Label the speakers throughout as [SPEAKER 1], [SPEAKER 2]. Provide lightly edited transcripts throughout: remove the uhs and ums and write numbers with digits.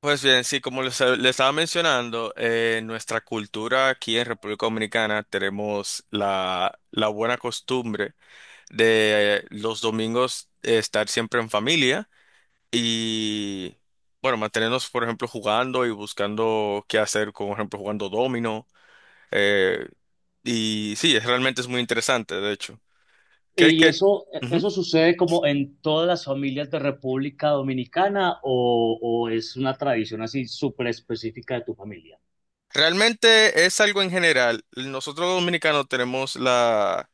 [SPEAKER 1] Pues bien, sí, como les estaba mencionando, nuestra cultura aquí en República Dominicana tenemos la buena costumbre de los domingos estar siempre en familia y, bueno, mantenernos, por ejemplo, jugando y buscando qué hacer, como, por ejemplo, jugando domino. eh, y sí, es, realmente es muy interesante, de hecho. ¿Qué,
[SPEAKER 2] ¿Y
[SPEAKER 1] qué?
[SPEAKER 2] eso,
[SPEAKER 1] Ujú.
[SPEAKER 2] eso sucede como en todas las familias de República Dominicana o es una tradición así súper específica de tu familia?
[SPEAKER 1] Realmente es algo en general. Nosotros los dominicanos tenemos la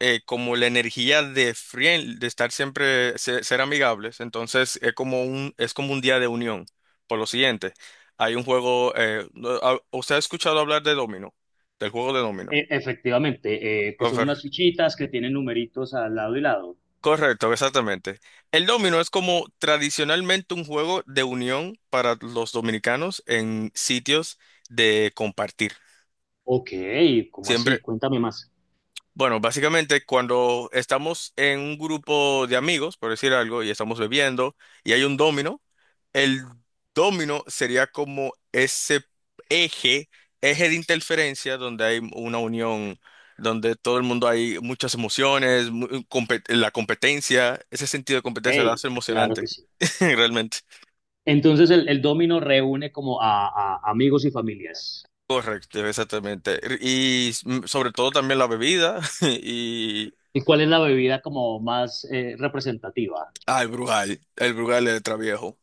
[SPEAKER 1] como la energía de friend, de estar siempre, ser, amigables. Entonces es como es como un día de unión. Por lo siguiente, hay un juego, no, ah, ¿usted ha escuchado hablar de Domino? Del juego de Domino.
[SPEAKER 2] Efectivamente, que son unas
[SPEAKER 1] Ofer-
[SPEAKER 2] fichitas que tienen numeritos al lado y lado.
[SPEAKER 1] Correcto, exactamente. El domino es como tradicionalmente un juego de unión para los dominicanos en sitios de compartir.
[SPEAKER 2] Ok, ¿cómo así?
[SPEAKER 1] Siempre,
[SPEAKER 2] Cuéntame más.
[SPEAKER 1] bueno, básicamente cuando estamos en un grupo de amigos, por decir algo, y estamos bebiendo, y hay un domino. El domino sería como ese eje, eje de interferencia donde hay una unión, donde todo el mundo hay muchas emociones, la competencia, ese sentido de competencia lo
[SPEAKER 2] Hey,
[SPEAKER 1] hace
[SPEAKER 2] claro que
[SPEAKER 1] emocionante,
[SPEAKER 2] sí.
[SPEAKER 1] realmente.
[SPEAKER 2] Entonces el dominó reúne como a amigos y familias.
[SPEAKER 1] Correcto, exactamente. Y sobre todo también la bebida y...
[SPEAKER 2] ¿Y cuál es la bebida como más representativa?
[SPEAKER 1] Ah, el Brugal de Traviejo.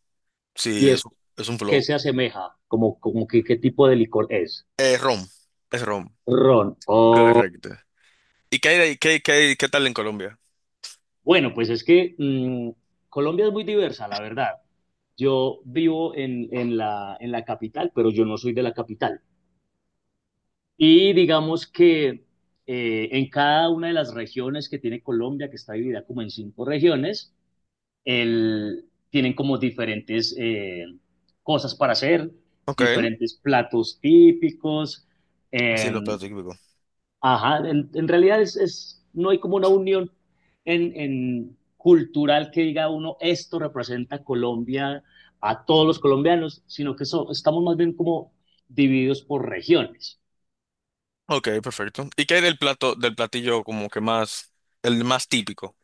[SPEAKER 1] Sí,
[SPEAKER 2] ¿Y es
[SPEAKER 1] es un
[SPEAKER 2] qué
[SPEAKER 1] flow.
[SPEAKER 2] se asemeja? Como que, ¿qué tipo de licor es?
[SPEAKER 1] Eh, rom, es rom.
[SPEAKER 2] Ron.
[SPEAKER 1] Correcto. ¿Y qué hay, qué, qué tal en Colombia?
[SPEAKER 2] Bueno, pues es que Colombia es muy diversa, la verdad. Yo vivo en la capital, pero yo no soy de la capital. Y digamos que en cada una de las regiones que tiene Colombia, que está dividida como en cinco regiones, tienen como diferentes cosas para hacer,
[SPEAKER 1] Ok.
[SPEAKER 2] diferentes platos típicos,
[SPEAKER 1] Así
[SPEAKER 2] eh,
[SPEAKER 1] lo plato típico.
[SPEAKER 2] ajá, en realidad no hay como una unión en cultural que diga uno, esto representa a Colombia, a todos los colombianos, sino que estamos más bien como divididos por regiones.
[SPEAKER 1] Ok, perfecto. ¿Y qué hay del plato, del platillo como que más, el más típico?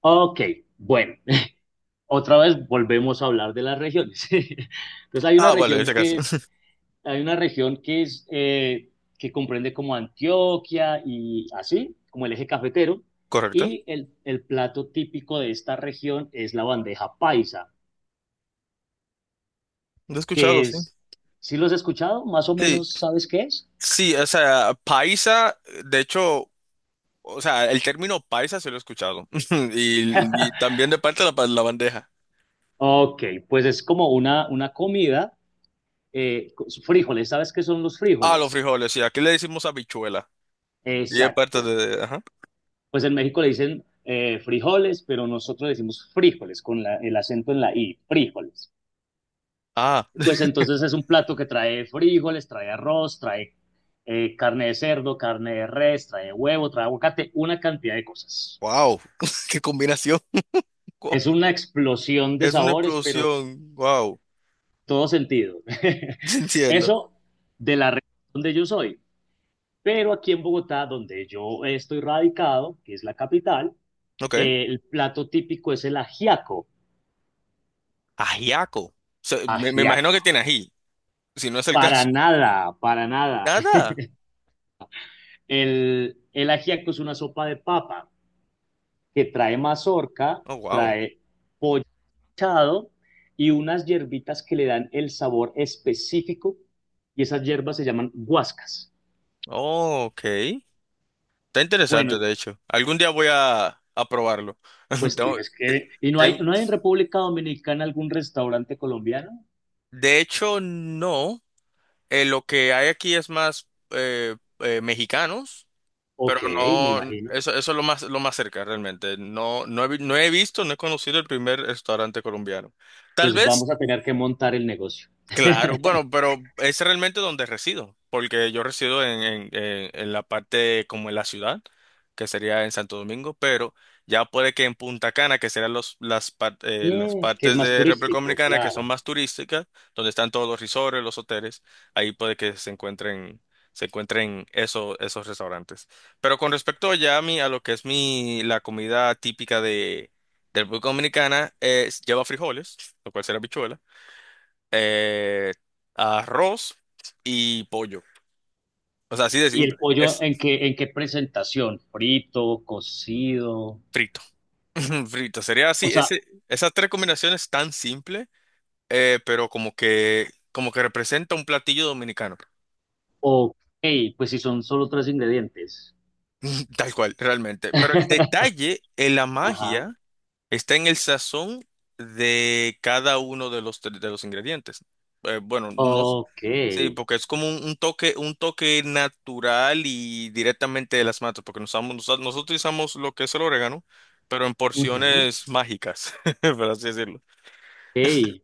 [SPEAKER 2] Ok, bueno, otra vez volvemos a hablar de las regiones.
[SPEAKER 1] Ah, vale, ese caso.
[SPEAKER 2] Hay una región que es que comprende como Antioquia y así, como el eje cafetero,
[SPEAKER 1] Correcto.
[SPEAKER 2] y el plato típico de esta región es la bandeja paisa,
[SPEAKER 1] Lo he
[SPEAKER 2] que
[SPEAKER 1] escuchado, sí.
[SPEAKER 2] es, si los has escuchado, más o
[SPEAKER 1] Sí,
[SPEAKER 2] menos sabes qué es.
[SPEAKER 1] sí, o sea, paisa, de hecho, o sea, el término paisa se lo he escuchado. Y, y también de parte de la, la bandeja.
[SPEAKER 2] Ok, pues es como una comida, con frijoles, ¿sabes qué son los
[SPEAKER 1] Ah, los
[SPEAKER 2] frijoles?
[SPEAKER 1] frijoles, sí, aquí le decimos habichuela. Y es parte
[SPEAKER 2] Exacto.
[SPEAKER 1] de, ajá.
[SPEAKER 2] Pues en México le dicen frijoles, pero nosotros decimos frijoles con el acento en la I, frijoles.
[SPEAKER 1] Ah,
[SPEAKER 2] Pues entonces es un plato que trae frijoles, trae arroz, trae carne de cerdo, carne de res, trae huevo, trae aguacate, una cantidad de cosas.
[SPEAKER 1] wow, qué combinación.
[SPEAKER 2] Es una explosión de
[SPEAKER 1] Es una
[SPEAKER 2] sabores, pero
[SPEAKER 1] explosión, wow.
[SPEAKER 2] todo sentido.
[SPEAKER 1] Entiendo.
[SPEAKER 2] Eso de la región donde yo soy. Pero aquí en Bogotá, donde yo estoy radicado, que es la capital,
[SPEAKER 1] Ok.
[SPEAKER 2] el plato típico es el ajiaco.
[SPEAKER 1] Ajiaco. So, me imagino
[SPEAKER 2] Ajiaco.
[SPEAKER 1] que tiene ají, si no es el
[SPEAKER 2] Para
[SPEAKER 1] caso.
[SPEAKER 2] nada, para nada.
[SPEAKER 1] Nada.
[SPEAKER 2] El ajiaco es una sopa de papa que trae mazorca,
[SPEAKER 1] Oh, wow.
[SPEAKER 2] trae pollo mechado y unas hierbitas que le dan el sabor específico y esas hierbas se llaman guascas.
[SPEAKER 1] Oh, ok. Está
[SPEAKER 2] Bueno,
[SPEAKER 1] interesante, de hecho. Algún día voy a probarlo.
[SPEAKER 2] pues
[SPEAKER 1] Tengo-
[SPEAKER 2] tienes
[SPEAKER 1] te-
[SPEAKER 2] que... ¿Y
[SPEAKER 1] ten-
[SPEAKER 2] no hay en República Dominicana algún restaurante colombiano?
[SPEAKER 1] de hecho, no. Lo que hay aquí es más mexicanos, pero
[SPEAKER 2] Ok, me
[SPEAKER 1] no,
[SPEAKER 2] imagino.
[SPEAKER 1] eso es lo más cerca realmente. No he visto, no he conocido el primer restaurante colombiano. Tal
[SPEAKER 2] Pues
[SPEAKER 1] vez.
[SPEAKER 2] vamos a tener que montar el negocio.
[SPEAKER 1] Claro, bueno, pero es realmente donde resido, porque yo resido en la parte como en la ciudad, que sería en Santo Domingo, pero ya puede que en Punta Cana, que serán los, las, las
[SPEAKER 2] Que es
[SPEAKER 1] partes
[SPEAKER 2] más
[SPEAKER 1] de República
[SPEAKER 2] turístico,
[SPEAKER 1] Dominicana que son
[SPEAKER 2] claro.
[SPEAKER 1] más turísticas, donde están todos los resorts, los hoteles, ahí puede que se encuentren esos restaurantes. Pero con respecto ya a mí, a lo que es mi, la comida típica de República Dominicana, es, lleva frijoles, lo cual será habichuela eh, arroz y pollo. O sea, así de
[SPEAKER 2] ¿Y el
[SPEAKER 1] simple.
[SPEAKER 2] pollo
[SPEAKER 1] Es
[SPEAKER 2] en qué presentación? ¿Frito, cocido?
[SPEAKER 1] frito. Frito. Sería
[SPEAKER 2] O
[SPEAKER 1] así.
[SPEAKER 2] sea,
[SPEAKER 1] Ese, esas tres combinaciones tan simple, pero como que representa un platillo dominicano.
[SPEAKER 2] ok, pues si son solo tres ingredientes.
[SPEAKER 1] Tal cual, realmente. Pero el detalle, en la
[SPEAKER 2] Ajá.
[SPEAKER 1] magia. Está en el sazón de cada uno de los, de los ingredientes. Bueno, no, s-
[SPEAKER 2] Ok.
[SPEAKER 1] sí, porque es como un toque natural y directamente de las matas, porque nosotros utilizamos lo que es el orégano, pero en
[SPEAKER 2] Ujú.
[SPEAKER 1] porciones mágicas, por así decirlo.
[SPEAKER 2] Ok.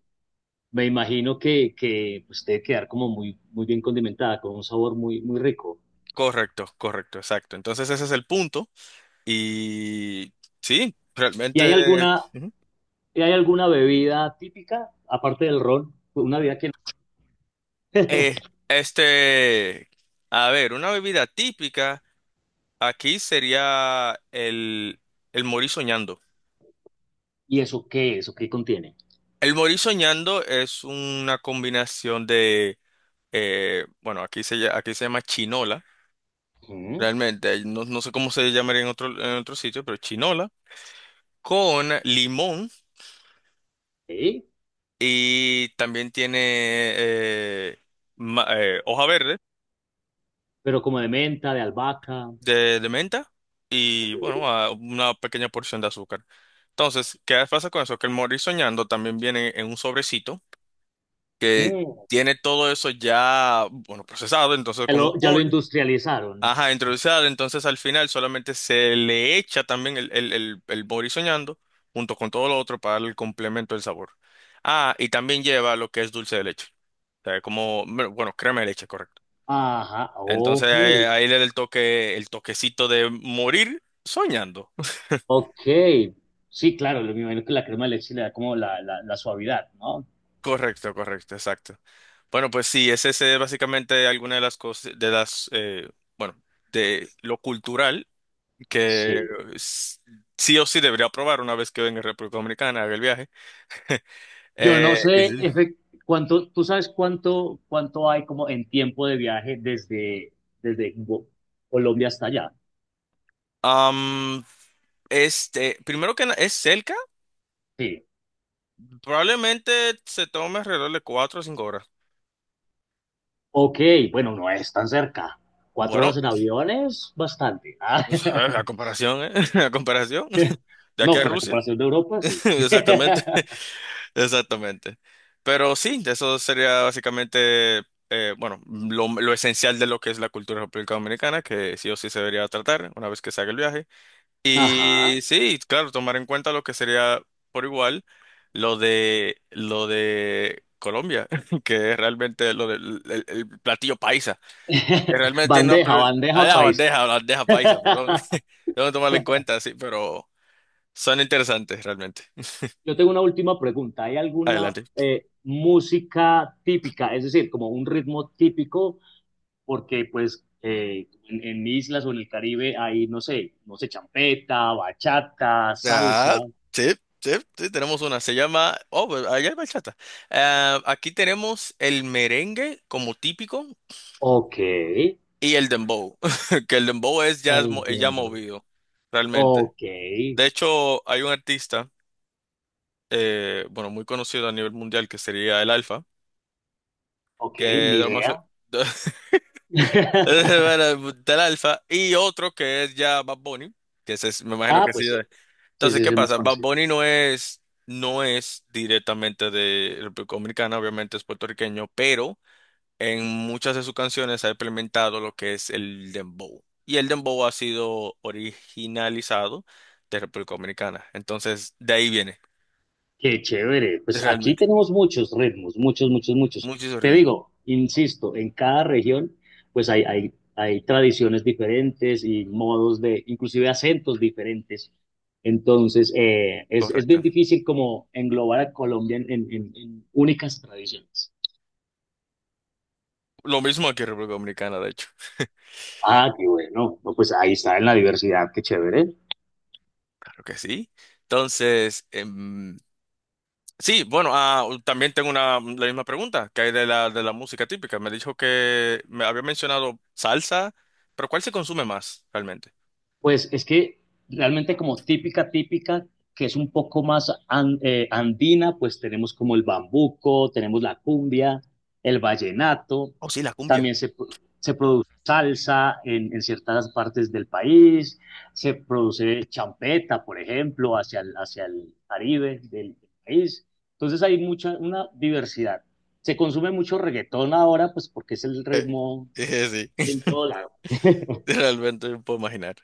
[SPEAKER 2] Me imagino que pues, debe quedar como muy, muy bien condimentada, con un sabor muy, muy rico.
[SPEAKER 1] Correcto, correcto, exacto. Entonces ese es el punto. Y sí,
[SPEAKER 2] ¿Y hay
[SPEAKER 1] realmente...
[SPEAKER 2] alguna,
[SPEAKER 1] ujú.
[SPEAKER 2] ¿Y hay alguna bebida típica, aparte del ron? Una bebida que... no.
[SPEAKER 1] Eh, este, a ver, una bebida típica. Aquí sería el morir soñando.
[SPEAKER 2] ¿Y eso qué? ¿Eso qué contiene?
[SPEAKER 1] El morir soñando es una combinación de, bueno, aquí se, aquí se llama chinola,
[SPEAKER 2] Ujú.
[SPEAKER 1] realmente, no, no sé cómo se llamaría en otro sitio, pero chinola, con limón
[SPEAKER 2] Ok.
[SPEAKER 1] y también tiene eh, hoja verde
[SPEAKER 2] Pero como de menta, de albahaca.
[SPEAKER 1] de menta
[SPEAKER 2] Ok.
[SPEAKER 1] y, bueno, una pequeña porción de azúcar. Entonces, ¿qué pasa con eso? Que el morir soñando también viene en un sobrecito que
[SPEAKER 2] Mm.
[SPEAKER 1] tiene todo eso ya, bueno, procesado, entonces como un
[SPEAKER 2] Ya lo
[SPEAKER 1] pollo.
[SPEAKER 2] industrializaron.
[SPEAKER 1] Ajá, introducido, entonces al final solamente se le echa también el bori soñando junto con todo lo otro para darle el complemento del sabor. Ah, y también lleva lo que es dulce de leche. O sea, como, bueno, crema de leche, correcto.
[SPEAKER 2] Ajá.
[SPEAKER 1] Entonces
[SPEAKER 2] Ok.
[SPEAKER 1] ahí, ahí le da el toque, el toquecito de morir soñando.
[SPEAKER 2] Ok, sí, claro, lo- me imagino que la crema de leche le da como la suavidad, ¿no?
[SPEAKER 1] Correcto, correcto, exacto. Bueno, pues sí, ese es básicamente alguna de las cosas, de las, bueno, de lo cultural que
[SPEAKER 2] Sí.
[SPEAKER 1] s- sí o sí debería probar una vez que venga a República Dominicana, haga el viaje.
[SPEAKER 2] Yo no
[SPEAKER 1] Y
[SPEAKER 2] sé
[SPEAKER 1] sí.
[SPEAKER 2] efe- Cuánto, ¿tú sabes cuánto hay como en tiempo de viaje desde Colombia hasta allá?
[SPEAKER 1] Am, primero que es cerca,
[SPEAKER 2] Sí.
[SPEAKER 1] probablemente se tome alrededor de cuatro o cinco horas.
[SPEAKER 2] Ok, bueno, no es tan cerca. 4
[SPEAKER 1] Bueno,
[SPEAKER 2] horas en avión es bastante. Ah,
[SPEAKER 1] la comparación, ¿eh? La comparación de aquí
[SPEAKER 2] no,
[SPEAKER 1] a
[SPEAKER 2] pues a
[SPEAKER 1] Rusia.
[SPEAKER 2] comparación de Europa, sí.
[SPEAKER 1] Exactamente, exactamente. Pero sí, eso sería básicamente, bueno, lo esencial de lo que es la cultura de República Dominicana, que sí o sí se debería tratar una vez que se haga el viaje.
[SPEAKER 2] Ajá.
[SPEAKER 1] Y sí, claro, tomar en cuenta lo que sería por igual lo de Colombia, que es realmente lo del el platillo paisa. Que Realmente tiene una
[SPEAKER 2] Bandeja,
[SPEAKER 1] pl-
[SPEAKER 2] bandeja
[SPEAKER 1] ah,
[SPEAKER 2] país.
[SPEAKER 1] la bandeja paisa, perdón. Tengo que tomarlo en cuenta, sí, pero son interesantes realmente.
[SPEAKER 2] Yo tengo una última pregunta. ¿Hay alguna
[SPEAKER 1] Adelante.
[SPEAKER 2] música típica, es decir, como un ritmo típico? Porque pues en islas o en el Caribe hay, no sé, no sé, champeta, bachata, salsa.
[SPEAKER 1] Ah, sí, sí, sí, tenemos una. Se llama. Oh, pues, allá hay bachata. Ah, aquí tenemos el merengue como típico.
[SPEAKER 2] Ok,
[SPEAKER 1] Y el dembow, que el dembow es ya, es
[SPEAKER 2] el
[SPEAKER 1] ya
[SPEAKER 2] dembow.
[SPEAKER 1] movido, realmente.
[SPEAKER 2] Ok,
[SPEAKER 1] De hecho, hay un artista, bueno, muy conocido a nivel mundial, que sería el Alfa,
[SPEAKER 2] ok,
[SPEAKER 1] que
[SPEAKER 2] ni
[SPEAKER 1] de lo más-
[SPEAKER 2] idea.
[SPEAKER 1] bueno, del Alfa, y otro que es ya Bad Bunny, que me imagino
[SPEAKER 2] Ah,
[SPEAKER 1] que sí.
[SPEAKER 2] pues sí,
[SPEAKER 1] Entonces, ¿qué
[SPEAKER 2] sí, es más
[SPEAKER 1] pasa? Bad
[SPEAKER 2] conocido.
[SPEAKER 1] Bunny no es directamente de República Dominicana, obviamente es puertorriqueño, pero en muchas de sus canciones ha implementado lo que es el dembow. Y el dembow ha sido originalizado de República Dominicana. Entonces, de ahí viene,
[SPEAKER 2] Qué chévere. Pues aquí
[SPEAKER 1] realmente.
[SPEAKER 2] tenemos muchos ritmos, muchos, muchos, muchos.
[SPEAKER 1] Muchísimo
[SPEAKER 2] Te
[SPEAKER 1] ritmo.
[SPEAKER 2] digo, insisto, en cada región, pues hay tradiciones diferentes y modos de, inclusive acentos diferentes. Entonces, es
[SPEAKER 1] Correcto.
[SPEAKER 2] bien difícil como englobar a Colombia en únicas tradiciones.
[SPEAKER 1] Lo mismo aquí en República Dominicana, de hecho.
[SPEAKER 2] Ah, qué bueno. No, pues ahí está en la diversidad, qué chévere.
[SPEAKER 1] Claro que sí. Entonces, sí, bueno, ah, también tengo una, la misma pregunta que hay de la música típica. Me dijo que me había mencionado salsa, pero ¿cuál se consume más realmente?
[SPEAKER 2] Pues es que realmente como típica, típica, que es un poco más andina, pues tenemos como el bambuco, tenemos la cumbia, el vallenato,
[SPEAKER 1] Oh, sí, la cumbia.
[SPEAKER 2] también se produce salsa en ciertas partes del país, se produce champeta, por ejemplo, hacia hacia el Caribe del país. Entonces hay mucha, una diversidad. Se consume mucho reggaetón ahora, pues porque es el ritmo
[SPEAKER 1] Sí.
[SPEAKER 2] en todo lado.
[SPEAKER 1] Realmente no puedo imaginar.